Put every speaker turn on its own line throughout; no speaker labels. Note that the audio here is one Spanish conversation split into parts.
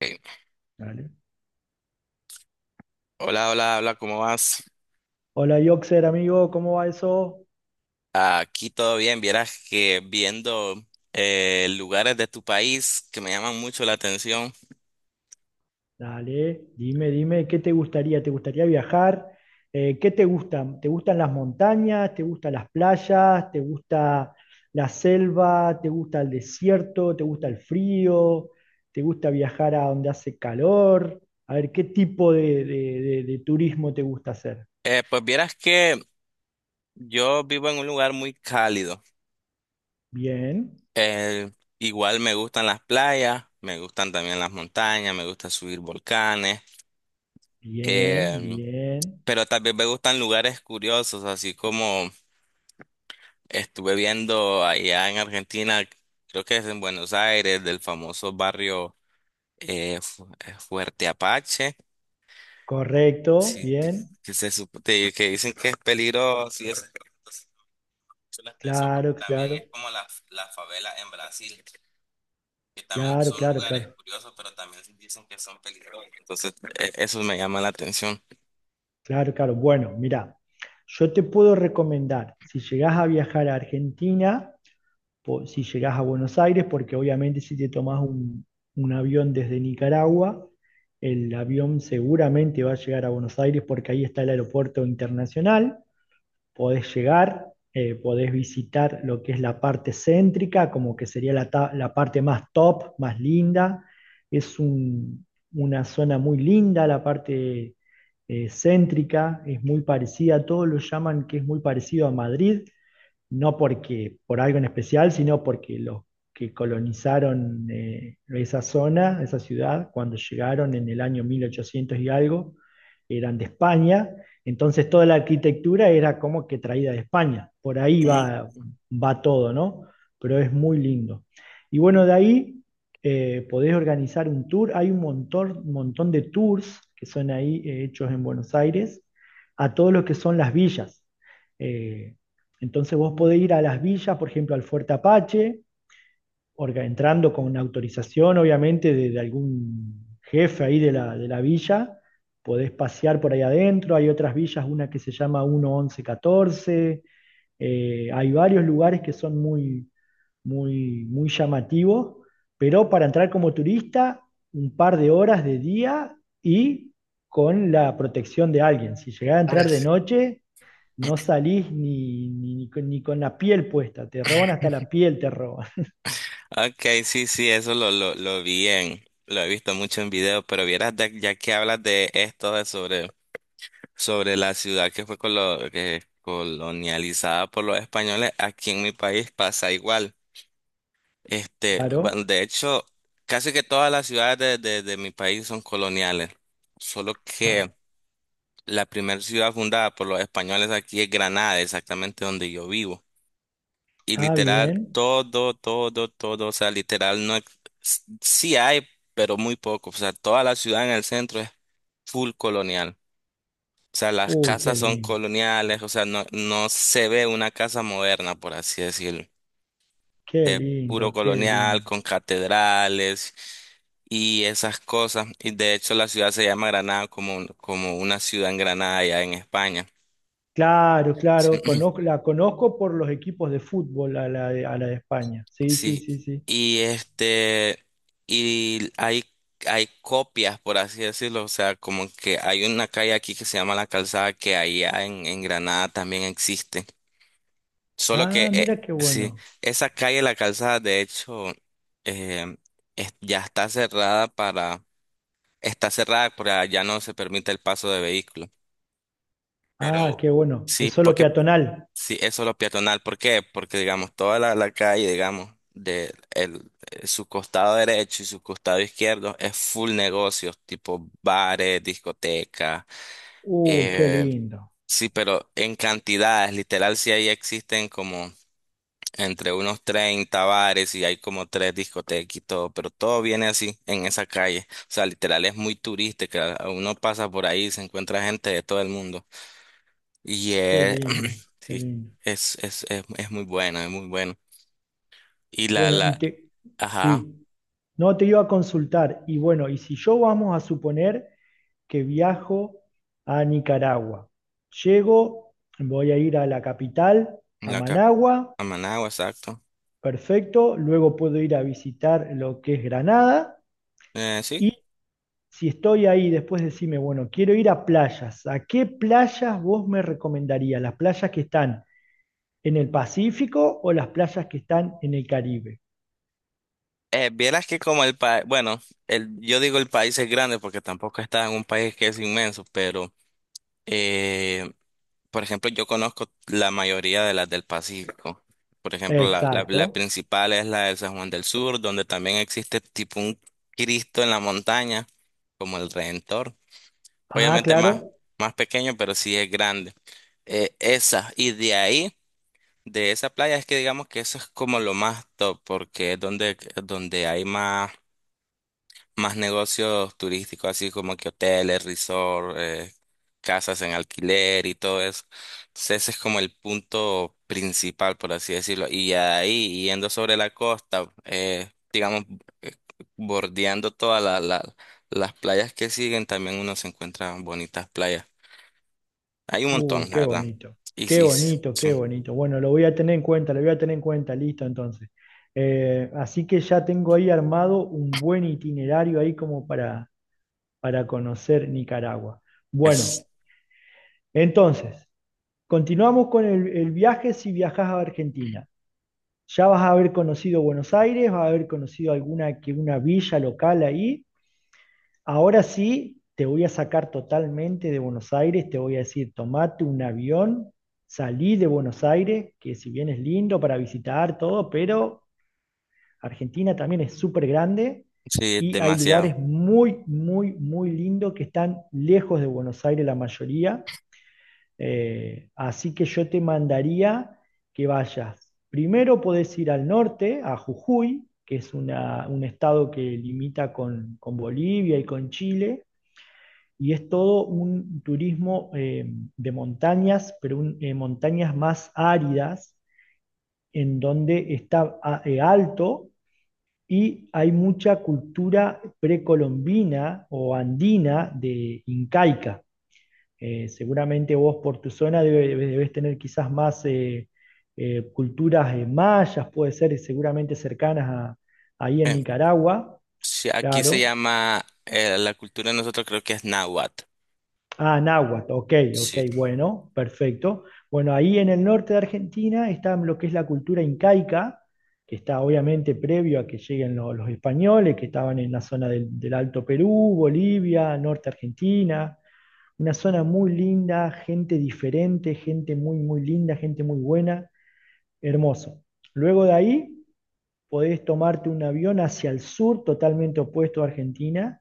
Eh,
Dale.
Hola, hola, hola, ¿cómo vas?
Hola, Yoxer, amigo, ¿cómo va eso?
Aquí todo bien, vieras que viendo lugares de tu país que me llaman mucho la atención.
Dale, dime, dime, ¿qué te gustaría? ¿Te gustaría viajar? ¿Qué te gustan? ¿Te gustan las montañas? ¿Te gustan las playas? ¿Te gusta la selva? ¿Te gusta el desierto? ¿Te gusta el frío? ¿Te gusta viajar a donde hace calor? A ver, ¿qué tipo de turismo te gusta hacer?
Pues vieras que yo vivo en un lugar muy cálido.
Bien,
Eh, igual me gustan las playas, me gustan también las montañas, me gusta subir volcanes.
bien,
Eh,
bien.
Pero también me gustan lugares curiosos, así como estuve viendo allá en Argentina, creo que es en Buenos Aires, del famoso barrio Fuerte Apache,
Correcto,
sí, t-
bien.
que, se, sup- te- que dicen que es peligroso y eso. Entonces, mucho la atención porque
Claro,
también es
claro,
como la favela en Brasil, que también
claro,
son
claro,
lugares
claro.
curiosos, pero también dicen que son peligrosos. Entonces, eso me llama la atención.
Claro, claro. Bueno, mira, yo te puedo recomendar, si llegás a viajar a Argentina, si llegás a Buenos Aires, porque obviamente si te tomás un avión desde Nicaragua, el avión seguramente va a llegar a Buenos Aires porque ahí está el aeropuerto internacional. Podés llegar, podés visitar lo que es la parte céntrica, como que sería la parte más top, más linda. Es una zona muy linda, la parte céntrica, es muy parecida, todos lo llaman que es muy parecido a Madrid, no porque por algo en especial, sino porque los que colonizaron esa zona, esa ciudad, cuando llegaron en el año 1800 y algo, eran de España, entonces toda la arquitectura era como que traída de España, por ahí va todo, ¿no? Pero es muy lindo. Y bueno, de ahí podés organizar un tour, hay un montón, montón de tours que son ahí hechos en Buenos Aires, a todos los que son las villas. Eh, entonces vos podés ir a las villas, por ejemplo, al Fuerte Apache, entrando con una autorización, obviamente, de algún jefe ahí de la villa. Podés pasear por ahí adentro. Hay otras villas, una que se llama 11114. Hay varios lugares que son muy, muy, muy llamativos, pero para entrar como turista, un par de horas de día y con la protección de alguien. Si llegás a entrar de
Ujú.
noche, no salís ni con la piel puesta, te roban hasta la piel, te roban.
Okay, sí, sí, eso lo vi en, lo he visto mucho en video, pero vieras, de- ya que hablas de esto, sobre la ciudad que fue colo- que colonializada por los españoles, aquí en mi país pasa igual. Este, bueno,
Claro.
de hecho, casi que todas las ciudades de mi país son coloniales, solo
Ah,
que la primera ciudad fundada por los españoles aquí es Granada, exactamente donde yo vivo. Y
ah,
literal,
bien.
todo, todo, todo, o sea, literal, no, sí hay, pero muy poco, o sea, toda la ciudad en el centro es full colonial, o sea, las
Uy, qué
casas son
lindo,
coloniales, o sea, no, no se ve una casa moderna, por así decirlo,
qué
es puro
lindo, qué
colonial,
lindo.
con catedrales y esas cosas, y de hecho la ciudad se llama Granada como, como una ciudad en Granada allá en España.
Claro,
Sí.
claro, la conozco por los equipos de fútbol a la de España. Sí, sí,
Sí,
sí, sí.
y este, y hay, hay copias, por así decirlo, o sea, como que hay una calle aquí que se llama La Calzada, que allá en Granada también existe. Solo que,
Ah, mira qué
sí,
bueno.
esa calle La Calzada, de hecho, eh, ya está está cerrada, para ya no se permite el paso de vehículos.
Ah,
Pero
qué bueno.
sí,
Es solo
porque
peatonal.
Sí, eso es lo peatonal. ¿Por qué? Porque, digamos, toda la calle, digamos, de el, su costado derecho y su costado izquierdo es full negocios, tipo bares, discotecas.
Uy, qué
eh,
lindo,
sí, pero en cantidades, literal, sí ahí existen como entre unos 30 bares y hay como tres discotecas y todo, pero todo viene así en esa calle. O sea, literal, es muy turística. Uno pasa por ahí y se encuentra gente de todo el mundo. Y
qué lindo, qué
sí,
lindo.
es muy bueno, es muy bueno. Y
Bueno,
la, ajá,
sí, no te iba a consultar. Y bueno, y si yo vamos a suponer que viajo a Nicaragua. Llego, voy a ir a la capital, a
la cap-
Managua,
a Managua, exacto.
perfecto, luego puedo ir a visitar lo que es Granada
Sí.
y si estoy ahí, después decime, bueno, quiero ir a playas, ¿a qué playas vos me recomendarías? ¿Las playas que están en el Pacífico o las playas que están en el Caribe?
Vieras que como el país, bueno, yo digo el país es grande porque tampoco está en un país que es inmenso, pero, eh, por ejemplo, yo conozco la mayoría de las del Pacífico. Por ejemplo, la
Exacto.
principal es la de San Juan del Sur, donde también existe tipo un Cristo en la montaña, como el Redentor.
Ah,
obviamente más,
claro.
más pequeño, pero sí es grande. Y de ahí, de esa playa, es que digamos que eso es como lo más top, porque es donde, donde hay más, más negocios turísticos, así como que hoteles, resort, casas en alquiler y todo eso. Entonces ese es como el punto principal, por así decirlo. Y ya de ahí, yendo sobre la costa, digamos, eh, bordeando todas las playas que siguen, también uno se encuentra bonitas playas. Hay un montón, la
Qué
verdad.
bonito,
Y
qué
sí, sí,
bonito, qué bonito. Bueno, lo voy a tener en cuenta, lo voy a tener en cuenta, listo entonces. Así que ya tengo ahí armado un buen itinerario ahí como para conocer Nicaragua. Bueno,
es,
entonces, continuamos con el viaje si viajas a Argentina. Ya vas a haber conocido Buenos Aires, vas a haber conocido alguna que una villa local ahí. Ahora sí, te voy a sacar totalmente de Buenos Aires, te voy a decir, tomate un avión, salí de Buenos Aires, que si bien es lindo para visitar todo, pero Argentina también es súper grande
sí, es
y hay
demasiado.
lugares muy, muy, muy lindos que están lejos de Buenos Aires la mayoría. Así que yo te mandaría que vayas. Primero podés ir al norte, a Jujuy, que es un estado que limita con Bolivia y con Chile y es todo un turismo de montañas, pero montañas más áridas, en donde está alto y hay mucha cultura precolombina o andina de incaica. Seguramente vos por tu zona debes tener quizás más culturas mayas, puede ser seguramente cercanas ahí en
Eh,
Nicaragua,
sí, aquí se
claro.
llama, la cultura de nosotros creo que es náhuatl.
Ah, náhuatl, ok, ok,
Sí.
bueno, perfecto. Bueno, ahí en el norte de Argentina está lo que es la cultura incaica, que está obviamente previo a que lleguen los españoles, que estaban en la zona del Alto Perú, Bolivia, norte Argentina, una zona muy linda, gente diferente, gente muy, muy linda, gente muy buena, hermoso. Luego de ahí podés tomarte un avión hacia el sur, totalmente opuesto a Argentina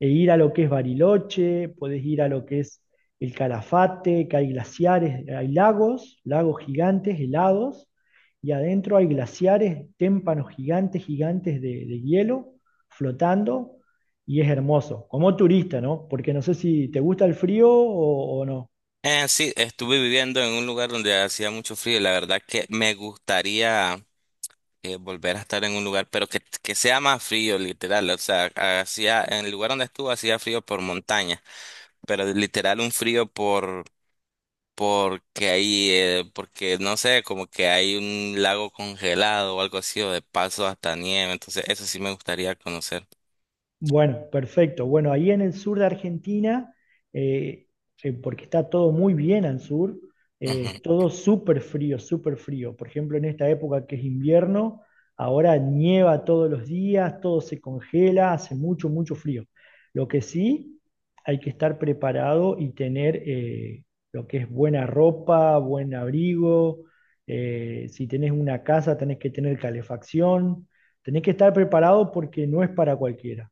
e ir a lo que es Bariloche, podés ir a lo que es el Calafate, que hay glaciares, hay lagos, lagos gigantes, helados, y adentro hay glaciares, témpanos gigantes, gigantes de hielo flotando, y es hermoso, como turista, ¿no? Porque no sé si te gusta el frío o no.
Sí, estuve viviendo en un lugar donde hacía mucho frío y la verdad que me gustaría volver a estar en un lugar, pero que sea más frío, literal. O sea, hacía, en el lugar donde estuve hacía frío por montaña, pero literal un frío porque ahí, porque no sé, como que hay un lago congelado o algo así, o de paso hasta nieve, entonces eso sí me gustaría conocer.
Bueno, perfecto. Bueno, ahí en el sur de Argentina, eh, porque está todo muy bien al sur,
Ujú.
es todo súper frío, súper frío. Por ejemplo, en esta época que es invierno, ahora nieva todos los días, todo se congela, hace mucho, mucho frío. Lo que sí, hay que estar preparado y tener lo que es buena ropa, buen abrigo. Si tenés una casa, tenés que tener calefacción. Tenés que estar preparado porque no es para cualquiera.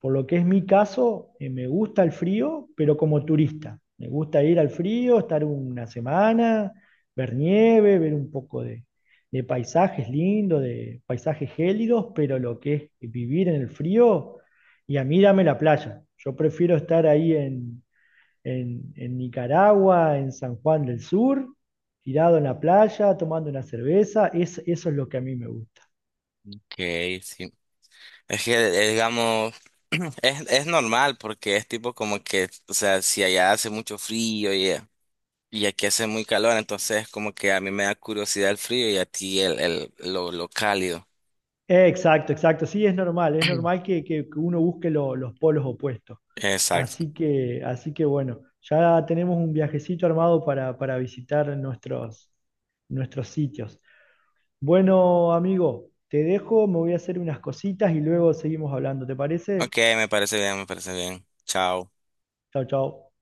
Por lo que es mi caso, me gusta el frío, pero como turista. Me gusta ir al frío, estar una semana, ver nieve, ver un poco de paisajes lindos, de paisajes gélidos, pero lo que es vivir en el frío, y a mí dame la playa. Yo prefiero estar ahí en, en Nicaragua, en San Juan del Sur, tirado en la playa, tomando una cerveza. Eso es lo que a mí me gusta.
Ok, sí. Es que, digamos, es normal porque es tipo como que, o sea, si allá hace mucho frío y aquí hace muy calor, entonces como que a mí me da curiosidad el frío y a ti lo cálido.
Exacto, exacto. Sí, es normal que uno busque los polos opuestos.
Exacto.
Así que bueno, ya tenemos un viajecito armado para visitar nuestros sitios. Bueno, amigo, te dejo, me voy a hacer unas cositas y luego seguimos hablando. ¿Te parece?
Ok, me parece bien, me parece bien. Chao.
Chao, chao.